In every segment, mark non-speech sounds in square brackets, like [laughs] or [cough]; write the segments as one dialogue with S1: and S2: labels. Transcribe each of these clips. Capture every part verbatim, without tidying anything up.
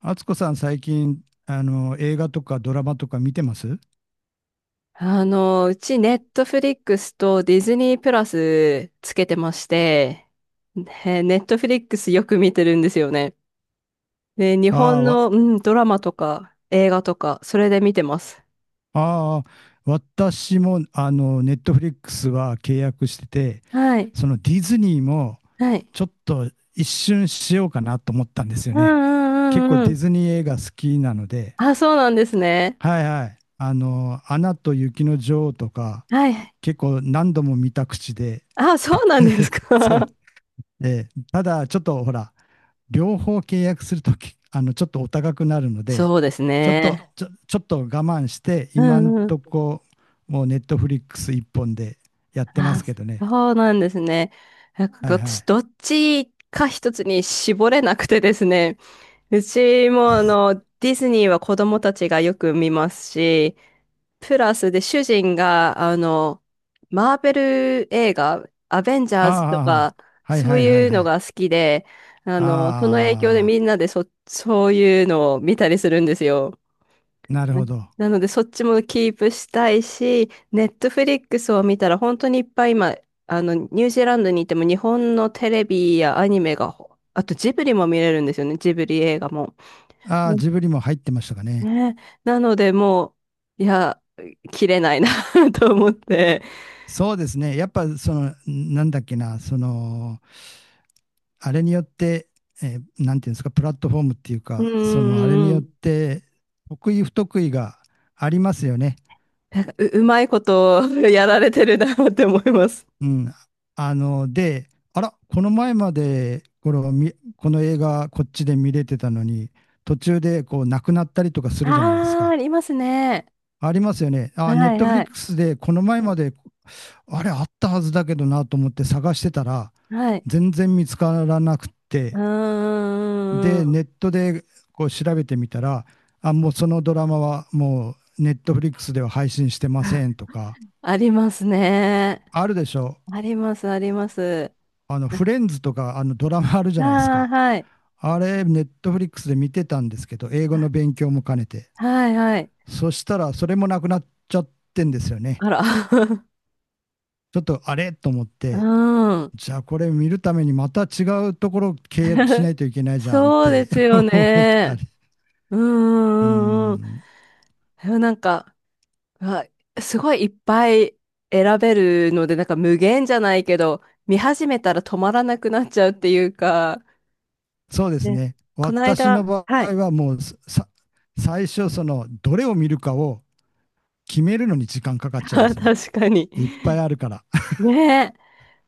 S1: 敦子さん、最近、あの、映画とかドラマとか見てます？
S2: あの、うちネットフリックスとディズニープラスつけてまして、ねネットフリックスよく見てるんですよね。で、日
S1: ああ、
S2: 本
S1: わ、
S2: の、うん、ドラマとか映画とか、それで見てます。
S1: ああ、私も、あの、ネットフリックスは契約してて、
S2: はい。
S1: そのディズニーも、
S2: はい。
S1: ちょっと一瞬しようかなと思ったんです
S2: う
S1: よ
S2: ん
S1: ね。結
S2: う
S1: 構
S2: んうんう
S1: ディズ
S2: ん。
S1: ニー映画好きなので、
S2: あ、そうなんですね。
S1: はいはい。あの、アナと雪の女王とか、
S2: はい。
S1: 結構何度も見た口で、
S2: あ、そうなんです
S1: そう。
S2: か。
S1: で、ただ、ちょっとほら、両方契約するとき、あの、ちょっとお高くなるの
S2: [laughs]
S1: で、
S2: そうです
S1: ちょっと、
S2: ね。
S1: ちょ、ちょっと我慢して、
S2: う
S1: 今ん
S2: んう
S1: と
S2: ん。
S1: こ、もうネットフリックス一本でやってま
S2: あ、
S1: すけどね。
S2: そうなんですね。なん
S1: は
S2: か
S1: いは
S2: 私、ど
S1: い。
S2: っちか一つに絞れなくてですね。うちもあの、ディズニーは子供たちがよく見ますし、プラスで主人があの、マーベル映画、アベンジャーズと
S1: ああ、
S2: か、
S1: はい
S2: そ
S1: は
S2: う
S1: いはい
S2: いうの
S1: はい。
S2: が好きで、あの、その影響で
S1: あ
S2: みん
S1: あ、
S2: なでそ、そういうのを見たりするんですよ。
S1: なる
S2: ね
S1: ほど。
S2: ななのでそっちもキープしたいし、ネットフリックスを見たら本当にいっぱい今、あの、ニュージーランドにいても日本のテレビやアニメが、あとジブリも見れるんですよね、ジブリ映画も。
S1: ああ、ジブリも入ってましたかね。
S2: ね、なのでもう、いや、切れないな [laughs] と思って、
S1: そうですね。やっぱ、その、なんだっけな、その、あれによって、えーなんていうんですか、プラットフォームっていう
S2: うー
S1: か、その、あれによっ
S2: ん、
S1: て、得意不得意がありますよね。
S2: なんかう、うまいことやられてるなって思います。
S1: うん。あの、で、あら、この前まで、この、みこの映画、こっちで見れてたのに、途中で、こう、なくなったりとかす
S2: あ
S1: るじゃないです
S2: あ、あ
S1: か。
S2: りますね。
S1: ありますよね。あ、ネッ
S2: はい
S1: トフリ
S2: は
S1: ッ
S2: い。
S1: クスで、この前まで、あれ、あったはずだけどなと思って探してたら、
S2: はい。
S1: 全然見つからなくっ
S2: う
S1: て、
S2: ー
S1: で、
S2: ん。
S1: ネットで、こう、調べてみたら、あ、もうそのドラマは、もう、ネットフリックスでは配信してませんとか、
S2: ありますね。
S1: あるでしょ。
S2: あります、あります。
S1: あの、フレンズとか、あの、ドラマあるじ
S2: あ
S1: ゃないです
S2: あ、
S1: か。
S2: はい。
S1: あれ、ネットフリックスで見てたんですけど、英語
S2: あ
S1: の勉強も兼ねて。
S2: はいはい。
S1: そしたら、それもなくなっちゃってんですよね。
S2: あら。[laughs]
S1: ちょっとあれと思っ
S2: う
S1: て、
S2: ん。
S1: じゃあこれ見るためにまた違うところ契約しな
S2: [laughs]
S1: いといけないじゃんっ
S2: そう
S1: て
S2: です
S1: [laughs]
S2: よ
S1: 思った
S2: ね。
S1: り。
S2: うん
S1: うー
S2: うんうん
S1: ん、
S2: うん。なんか、わ、すごいいっぱい選べるので、なんか無限じゃないけど、見始めたら止まらなくなっちゃうっていうか、
S1: そうです
S2: ね、
S1: ね。
S2: この
S1: 私の
S2: 間、
S1: 場
S2: は
S1: 合
S2: い。
S1: はもうさ、最初その、どれを見るかを決めるのに時間かかっ
S2: [laughs]
S1: ちゃいま
S2: あ
S1: すね。
S2: 確かに。
S1: いっぱいあるから。
S2: ねえ。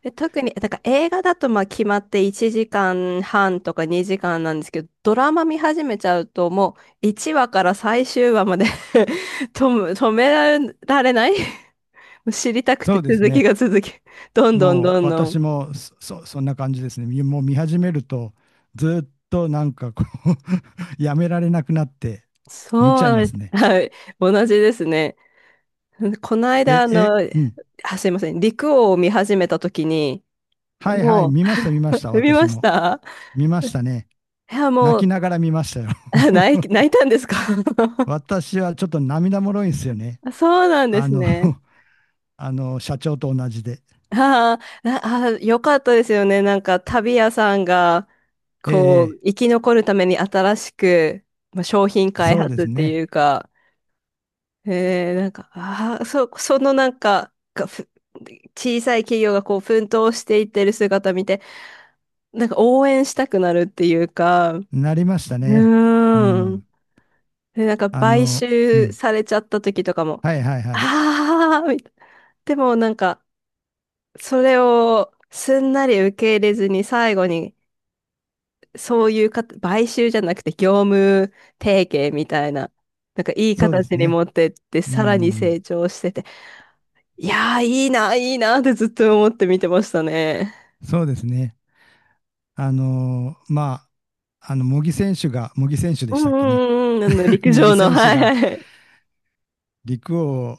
S2: で、特に、だから映画だとまあ決まっていちじかんはんとかにじかんなんですけど、ドラマ見始めちゃうともういちわから最終話まで [laughs] 止む、止められない [laughs] 知りたくて
S1: そうです
S2: 続き
S1: ね。
S2: が続き、どんどん
S1: も
S2: ど
S1: う
S2: んど
S1: 私
S2: ん。
S1: もそ、そんな感じですね。みもう見始めると、ずっとなんかこう [laughs] やめられなくなって見ちゃい
S2: そ
S1: ま
S2: うで
S1: す
S2: す。
S1: ね。
S2: はい。同じですね。この間、
S1: え、
S2: あ
S1: え、
S2: の、
S1: うん。
S2: あ、すいません。陸王を見始めたときに、
S1: はいはい、
S2: も
S1: 見ました、見ました、
S2: う、[laughs] 見
S1: 私
S2: まし
S1: も。
S2: た
S1: 見ましたね。
S2: いや、
S1: 泣
S2: もう、
S1: きながら見ましたよ。
S2: [laughs] あ泣い、
S1: [laughs]
S2: 泣いたんですか [laughs]
S1: 私はちょっと涙もろいんですよね。
S2: そうなんで
S1: あ
S2: す
S1: の
S2: ね。
S1: [laughs] あの、社長と同じで。
S2: ああ、なあー、よかったですよね。なんか、旅屋さんが、
S1: ええ、
S2: こ
S1: え
S2: う、生き残るために新しく、まあ、商品
S1: え、
S2: 開
S1: そうで
S2: 発っ
S1: す
S2: てい
S1: ね。
S2: うか、えー、なんか、ああ、そ、[laughs] そのなんか、がふ小さい企業がこう奮闘していってる姿見て、なんか応援したくなるっていうか、う
S1: なりましたね。う
S2: ーん。
S1: ん。
S2: で、なんか
S1: あ
S2: 買
S1: の、う
S2: 収
S1: ん。
S2: されちゃった時とかも、
S1: はいはいはい。
S2: ああ、みたいなでもなんか、それをすんなり受け入れずに最後に、そういうか、買収じゃなくて業務提携みたいな、なんかいい
S1: そうで
S2: 形
S1: す
S2: に
S1: ね。
S2: 持ってって、
S1: う
S2: さらに
S1: ん。
S2: 成長してて、いやー、いいな、いいなってずっと思って見てましたね。
S1: そうですね。あのーまあ、あの、茂木選手が、茂木選手で
S2: う
S1: し
S2: ん
S1: たっけね。
S2: うんうん、あの、
S1: [laughs]
S2: 陸
S1: 茂木
S2: 上の、[laughs]
S1: 選手
S2: はいは
S1: が
S2: い。
S1: 陸を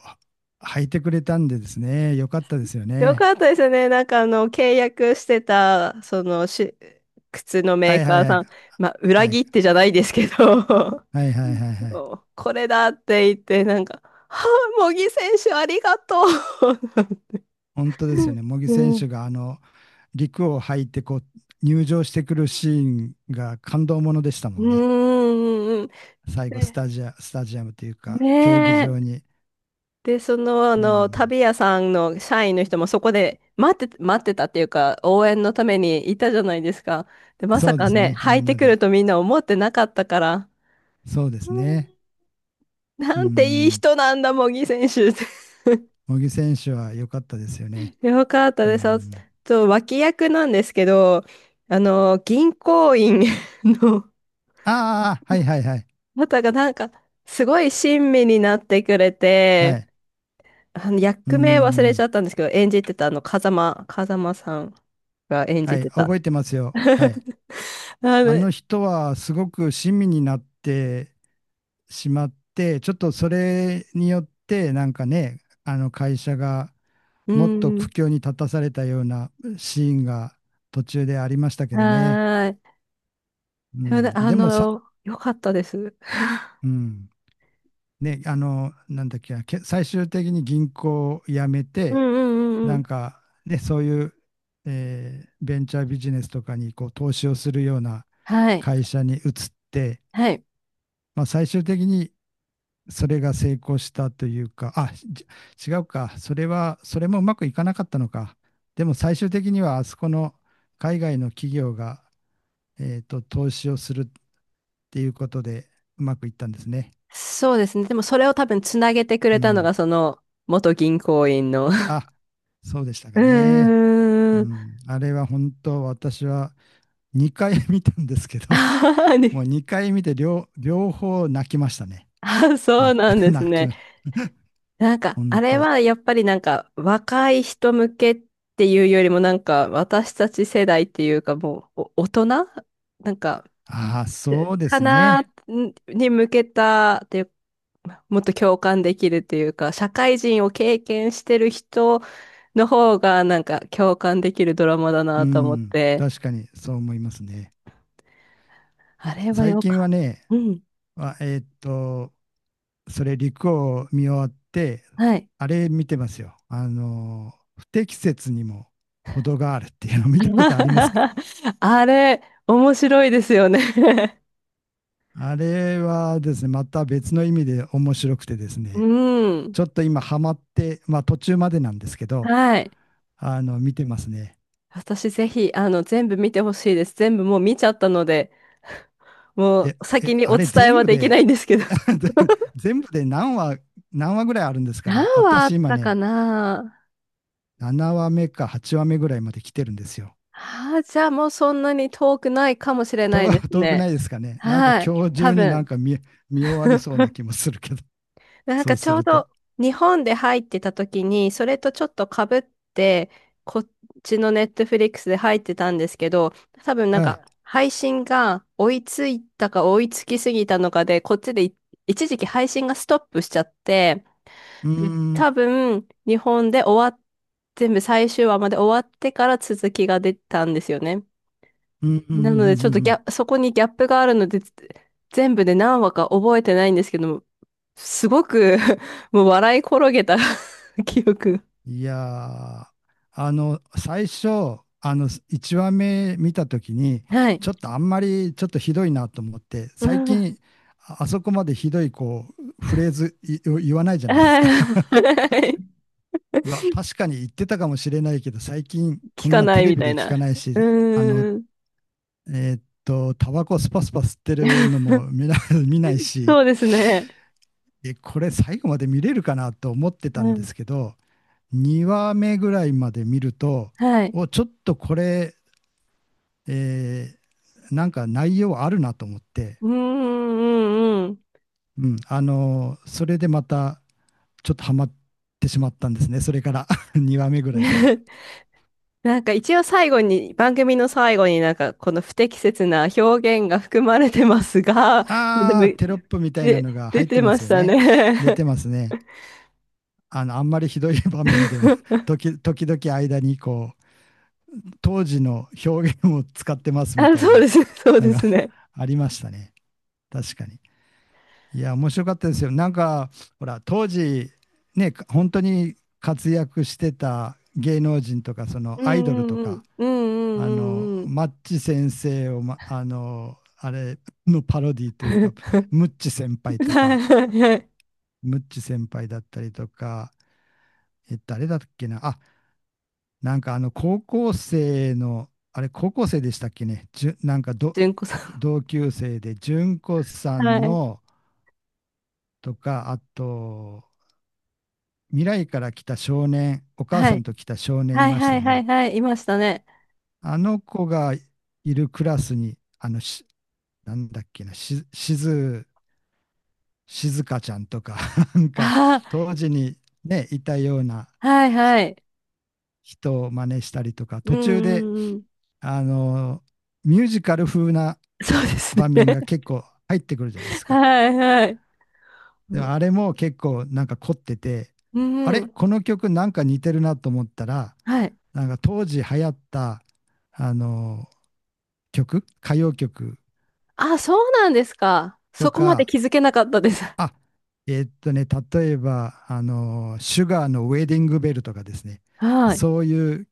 S1: 履いてくれたんでですね、よかったですよ
S2: よ
S1: ね。
S2: かったですね。なんかあの、契約してた、そのし、靴のメ
S1: は
S2: ー
S1: いは
S2: カ
S1: い
S2: ー
S1: は
S2: さ
S1: い。
S2: ん、まあ、裏
S1: はい、
S2: 切ってじゃないですけど、
S1: はいはいはいは
S2: [laughs]
S1: い。
S2: おこれだって言って、なんか、はあ、茂木選手ありがとう。
S1: 本当ですよね。茂
S2: [laughs]
S1: 木
S2: う
S1: 選
S2: ん。うん。
S1: 手が、あの、陸を履いて、こう、入場してくるシーンが感動ものでしたも
S2: う
S1: んね。
S2: んうんうん
S1: 最後、ス
S2: ね
S1: タジア、スタジアムというか、競技
S2: ね
S1: 場に。
S2: で、その、あ
S1: う
S2: の、
S1: ん、
S2: 旅屋さんの社員の人もそこで待って、待ってたっていうか、応援のためにいたじゃないですか。で、ま
S1: そ
S2: さ
S1: うで
S2: か
S1: す
S2: ね、
S1: ね。み
S2: 入っ
S1: ん
S2: て
S1: な
S2: くる
S1: で。
S2: とみんな思ってなかったから、
S1: そうですね。う
S2: なんていい
S1: ん、
S2: 人なんだ、茂木選手って。
S1: 茂木選手は良かったですよね。
S2: [laughs] よかった
S1: う
S2: です。あ
S1: ん。
S2: と、脇役なんですけど、あの、銀行員の
S1: ああ、はいはいはい。
S2: [laughs] 方がなんか、すごい親身になってくれ
S1: は
S2: て、
S1: い。
S2: あの
S1: うー
S2: 役名忘れちゃ
S1: ん。
S2: ったんですけど、演じてたあの、風間、風間さんが演
S1: は
S2: じ
S1: い。
S2: てた。
S1: 覚えてます
S2: [laughs]
S1: よ。はい。
S2: あ
S1: あ
S2: の、
S1: の人はすごく親身になってしまって、ちょっとそれによってなんかね、あの会社が
S2: う
S1: もっと苦
S2: ん、
S1: 境に立たされたようなシーンが途中でありましたけどね。
S2: はーい。
S1: う
S2: でもね
S1: ん。
S2: あ
S1: でもさ、
S2: の、よかったです。
S1: うん。ね、あの、なんだっけな、け最終的に銀行を辞め
S2: うんう
S1: て、
S2: んうんう
S1: なん
S2: ん。
S1: か、ね、そういう、えーベンチャービジネスとかにこう投資をするような
S2: はい。
S1: 会社に移って、
S2: はい。
S1: まあ、最終的にそれが成功したというか、あ、じ違うか、それは、それもうまくいかなかったのか。でも最終的にはあそこの海外の企業が、えーと、投資をするっていうことでうまくいったんですね。
S2: そうですね。でもそれを多分つなげてく
S1: う
S2: れたの
S1: ん。
S2: が、その、元銀行員の。[laughs]
S1: あ、そうでした
S2: う
S1: かね。う
S2: ーん。
S1: ん。あれは本当私はにかい [laughs] 見たんですけ
S2: あ
S1: ど
S2: ー
S1: もう
S2: ね
S1: にかい見て両、両方泣きましたね。
S2: あ、[laughs] そ
S1: は
S2: う
S1: い
S2: なん
S1: [laughs]
S2: です
S1: 泣き
S2: ね。
S1: ました。
S2: なんか、あ
S1: 本
S2: れ
S1: 当。
S2: はやっぱりなんか、若い人向けっていうよりも、なんか、私たち世代っていうか、もう、お大人なんか、
S1: ああ、そうで
S2: か
S1: す
S2: な
S1: ね。
S2: に向けたっていうもっと共感できるっていうか、社会人を経験してる人の方がなんか共感できるドラマだ
S1: う
S2: なと思っ
S1: ん。
S2: て、
S1: 確かにそう思いますね。
S2: あれは
S1: 最
S2: よ
S1: 近
S2: か
S1: は
S2: った。
S1: ね、
S2: うん。
S1: あえーっと、それ、陸を見終わって、
S2: はい。
S1: あれ見てますよ。あの、不適切にも程があるっていうの見たことありますか？
S2: [laughs] あれ、面白いですよね
S1: あれはですね、また別の意味で面白くてです
S2: [laughs] う
S1: ね、
S2: ん。
S1: ちょっと今ハマって、まあ途中までなんですけど、
S2: はい。
S1: あの、見てますね。
S2: 私ぜひ、あの、全部見てほしいです。全部もう見ちゃったので、も
S1: え、
S2: う
S1: え、
S2: 先に
S1: あ
S2: お
S1: れ
S2: 伝え
S1: 全
S2: は
S1: 部
S2: できな
S1: で、
S2: いんですけど。
S1: [laughs] 全部で何話、何話ぐらいあるんですか
S2: 何
S1: ね。
S2: 話あっ
S1: 私今
S2: たか
S1: ね、
S2: な
S1: ななわめかはちわめぐらいまで来てるんですよ。
S2: ああ、じゃあもうそんなに遠くないかもしれな
S1: 遠
S2: いで
S1: [laughs]
S2: す
S1: 遠く
S2: ね。
S1: ないですかね。なんか
S2: はい。
S1: 今日
S2: 多
S1: 中になん
S2: 分。
S1: か見、見終わりそうな
S2: [laughs]
S1: 気もするけど、
S2: なん
S1: そ
S2: か
S1: う
S2: ち
S1: す
S2: ょう
S1: ると。
S2: ど日本で入ってた時に、それとちょっと被って、こっちのネットフリックスで入ってたんですけど、多分なん
S1: は
S2: か
S1: い。
S2: 配信が追いついたか追いつきすぎたのかで、こっちでい一時期配信がストップしちゃって、
S1: うーん、うん、
S2: 多分日本で終わっ、全部最終話まで終わってから続きが出たんですよね。
S1: うん、うん、うん、う
S2: なので、ちょっとギ
S1: ん。
S2: ャ、そこにギャップがあるので、全部で何話か覚えてないんですけども、すごく [laughs] もう笑い転げた [laughs] 記憶。
S1: いやー、あの、最初、あの、いちわめ見たときに、
S2: はい。
S1: ちょっとあんまり、ちょっとひどいなと思って、
S2: う
S1: 最
S2: ん
S1: 近、ああそこまでひどい、こう、フレーズい言わないじゃないですか。[laughs]
S2: はい。
S1: うわ、確かに言ってたかもしれないけど、最近、
S2: [laughs] 聞
S1: こん
S2: か
S1: な
S2: な
S1: テ
S2: い
S1: レ
S2: み
S1: ビ
S2: た
S1: で
S2: い
S1: 聞か
S2: な。
S1: ないし、
S2: う
S1: あの、
S2: ーん。
S1: えーっと、タバコスパスパ吸ってるのも見
S2: [laughs]
S1: な、[laughs] 見ないし、
S2: そうですね。
S1: え、これ最後まで見れるかなと思って
S2: う
S1: たんで
S2: ん
S1: すけど、にわめぐらいまで見ると、
S2: はい。
S1: お、ちょっとこれ、えーなんか内容あるなと思って、
S2: うーん、うん、うん。
S1: うん、あのーそれでまたちょっとハマってしまったんですね。それから [laughs] にわめぐらいから。
S2: [laughs] なんか一応最後に、番組の最後になんかこの不適切な表現が含まれてますが、でも、
S1: あー、テロップみたいな
S2: で、
S1: のが
S2: 出
S1: 入って
S2: て
S1: ま
S2: ま
S1: す
S2: し
S1: よ
S2: た
S1: ね。出て
S2: ね。
S1: ますね。あの、あんまりひどい場面では [laughs]
S2: [laughs]
S1: 時、時々間にこう、当時の表現を使ってますみ
S2: あ、
S1: たい
S2: そう
S1: な
S2: ですね、そう
S1: の
S2: で
S1: が
S2: すね。
S1: [laughs] ありましたね。確かに。いや、面白かったですよ。なんか、ほら、当時、ね、本当に活躍してた芸能人とか、その
S2: うん
S1: アイドルと
S2: うんうん。
S1: か、
S2: うん
S1: あ
S2: う
S1: の、
S2: んうんうん。
S1: マッチ先生を、ま、あの、あれのパロディというか、
S2: [laughs]
S1: ムッチ先輩と
S2: はい
S1: か、
S2: はいはい。
S1: ムッチ先輩だったりとか、え、誰だっけな、あ、なんかあの、高校生の、あれ、高校生でしたっけね、じゅ、なんかど、
S2: 純子さん。
S1: 同級生で、純子さ
S2: は
S1: ん
S2: い。
S1: のとか、あと、未来から来た少年、お母
S2: は
S1: さ
S2: い。
S1: んと来た少年い
S2: はい
S1: まし
S2: は
S1: た
S2: い
S1: よ
S2: はい
S1: ね。
S2: はい。いましたね。
S1: あの子がいるクラスに、あのし、なんだっけな、し、しず、静香ちゃんとか、[laughs] なんか、
S2: あ
S1: 当時にね、いたような
S2: あ、はい
S1: ひ
S2: はい。
S1: 人を真似したりとか、
S2: う
S1: 途
S2: ん
S1: 中
S2: う
S1: で、
S2: んうん。
S1: あの、ミュージカル風な
S2: そうですね。
S1: 場面が結構入ってくるじゃないで
S2: [laughs]
S1: すか。
S2: はいはい。
S1: で
S2: う
S1: あれも結構なんか凝ってて、
S2: ん。
S1: あ
S2: う
S1: れ
S2: ん
S1: この曲なんか似てるなと思ったら、
S2: はい。
S1: なんか当時流行ったあの曲、歌謡曲
S2: あ、そうなんですか。
S1: と
S2: そこまで
S1: か、
S2: 気づけなかったです。[laughs]
S1: あ、えーっとね、例えば、あの、シュガーのウェディングベルとかですね、
S2: はい。
S1: そういう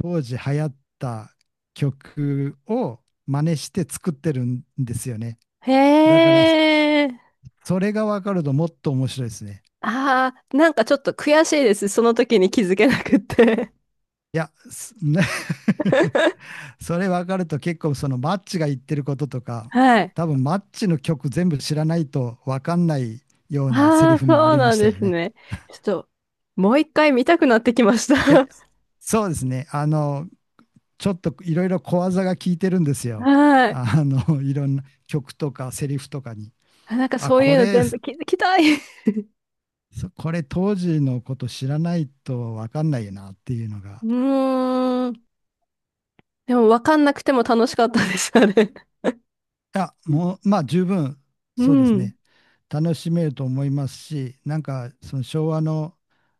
S1: 当時流行った曲を真似して作ってるんですよね。だか
S2: へ
S1: ら、
S2: え。
S1: それが分かるともっと面白いですね。
S2: ああ、なんかちょっと悔しいです。その時に気づけなくって。
S1: いや、す
S2: [laughs]
S1: [laughs] それ分かると結構そのマッチが言ってることとか、
S2: はい。
S1: 多分マッチの曲全部知らないと分かんないようなセリ
S2: ああ、
S1: フもあ
S2: そう
S1: りま
S2: なん
S1: した
S2: で
S1: よ
S2: す
S1: ね。
S2: ね。ちょっと、もう一回見たくなってきまし
S1: いや、
S2: た。[laughs]
S1: そうですね。あの、ちょっといろいろ小技が効いてるんですよ。
S2: はい。
S1: あの、[laughs] いろんな曲とかセリフとかに。
S2: あなんか
S1: あ、
S2: そうい
S1: こ
S2: うの
S1: れ、
S2: 全部気づきたい。[laughs]
S1: そこれ当時のこと知らないと分かんないよなっていうの
S2: う
S1: が。
S2: ーん。でも分かんなくても楽しかったです、あれ。
S1: いや、もう、まあ十分、
S2: [laughs] う
S1: そうですね。
S2: ん。
S1: 楽しめると思いますし、なんかその昭和の、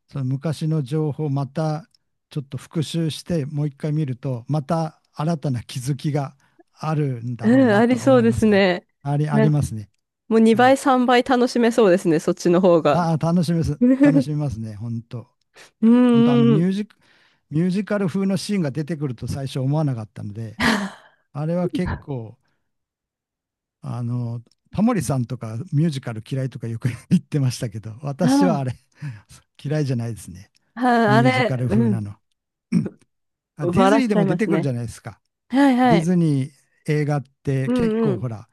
S1: その昔の情報をまたちょっと復習してもう一回見ると、また新たな気づきがあるん
S2: う
S1: だろう
S2: ん、
S1: な
S2: あ
S1: と
S2: り
S1: は
S2: そう
S1: 思い
S2: で
S1: ま
S2: す
S1: すね。
S2: ね。
S1: あり、あ
S2: なん
S1: り
S2: か
S1: ますね。
S2: もう
S1: は
S2: 2
S1: い。
S2: 倍、さんばい楽しめそうですね、そっちの方
S1: た、
S2: が。
S1: 楽しみます。
S2: うんう
S1: 楽しみ
S2: ん
S1: ますね。本当。
S2: う
S1: 本当あのミュージ
S2: ん。
S1: ック、ミュージカル風のシーンが出てくると最初思わなかったので、あれは結構、あの、タモリさんとかミュージカル嫌いとかよく [laughs] 言ってましたけど、
S2: う
S1: 私はあ
S2: ん。
S1: れ [laughs] 嫌いじゃないですね。
S2: あ
S1: ミ
S2: あ
S1: ュージカ
S2: れ、
S1: ル
S2: う
S1: 風な
S2: ん。
S1: の。あ、ディズ
S2: 笑っ
S1: ニー
S2: ち
S1: で
S2: ゃい
S1: も
S2: ま
S1: 出て
S2: す
S1: くる
S2: ね。
S1: じゃないですか。
S2: はいは
S1: ディズ
S2: い。
S1: ニー映画って
S2: うん
S1: 結
S2: う
S1: 構
S2: ん。
S1: ほら、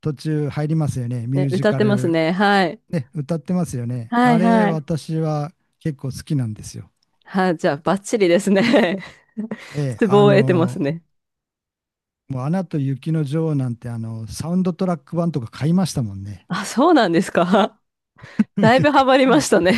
S1: 途中入りますよね。ミュ
S2: え、
S1: ージ
S2: 歌っ
S1: カ
S2: てます
S1: ル、
S2: ね。はい。
S1: ね、歌ってますよね。
S2: は
S1: あ
S2: い
S1: れ、
S2: はい。
S1: 私は結構好きなんですよ。
S2: はい、じゃあ、バッチリですね。[laughs]
S1: ええ、
S2: ツ
S1: あ
S2: ボを得てます
S1: の、
S2: ね。
S1: もうアナと雪の女王なんて、あの、サウンドトラック版とか買いましたもんね。
S2: あ、そうなんですか。だいぶハマ
S1: [laughs]
S2: りましたね。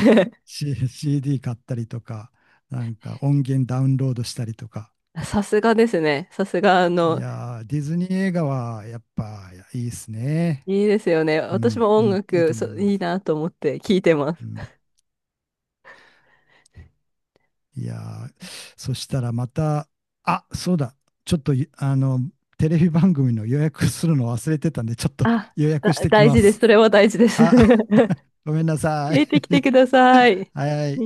S1: C- シーディー 買ったりとか、なんか音源ダウンロードしたりとか。
S2: [laughs] さすがですね。さすが、あ
S1: い
S2: の、
S1: やー、ディズニー映画はやっぱいいっすね。
S2: いいですよね。
S1: う
S2: 私
S1: ん、
S2: も音
S1: いい、いい
S2: 楽、
S1: と思い
S2: そ、
S1: ま
S2: いい
S1: す。
S2: なと思って聞いてま
S1: う
S2: す。
S1: ん、いやー、そしたらまた、あ、そうだ、ちょっとい、あの、テレビ番組の予約するの忘れてたんで、ちょっと
S2: あ、
S1: 予約し
S2: だ、
S1: てき
S2: 大
S1: ま
S2: 事です。
S1: す。
S2: それは大事です。[laughs]
S1: あ、
S2: 入
S1: [laughs] ごめんなさい。
S2: れてきてくださ
S1: [laughs]
S2: い。
S1: はい。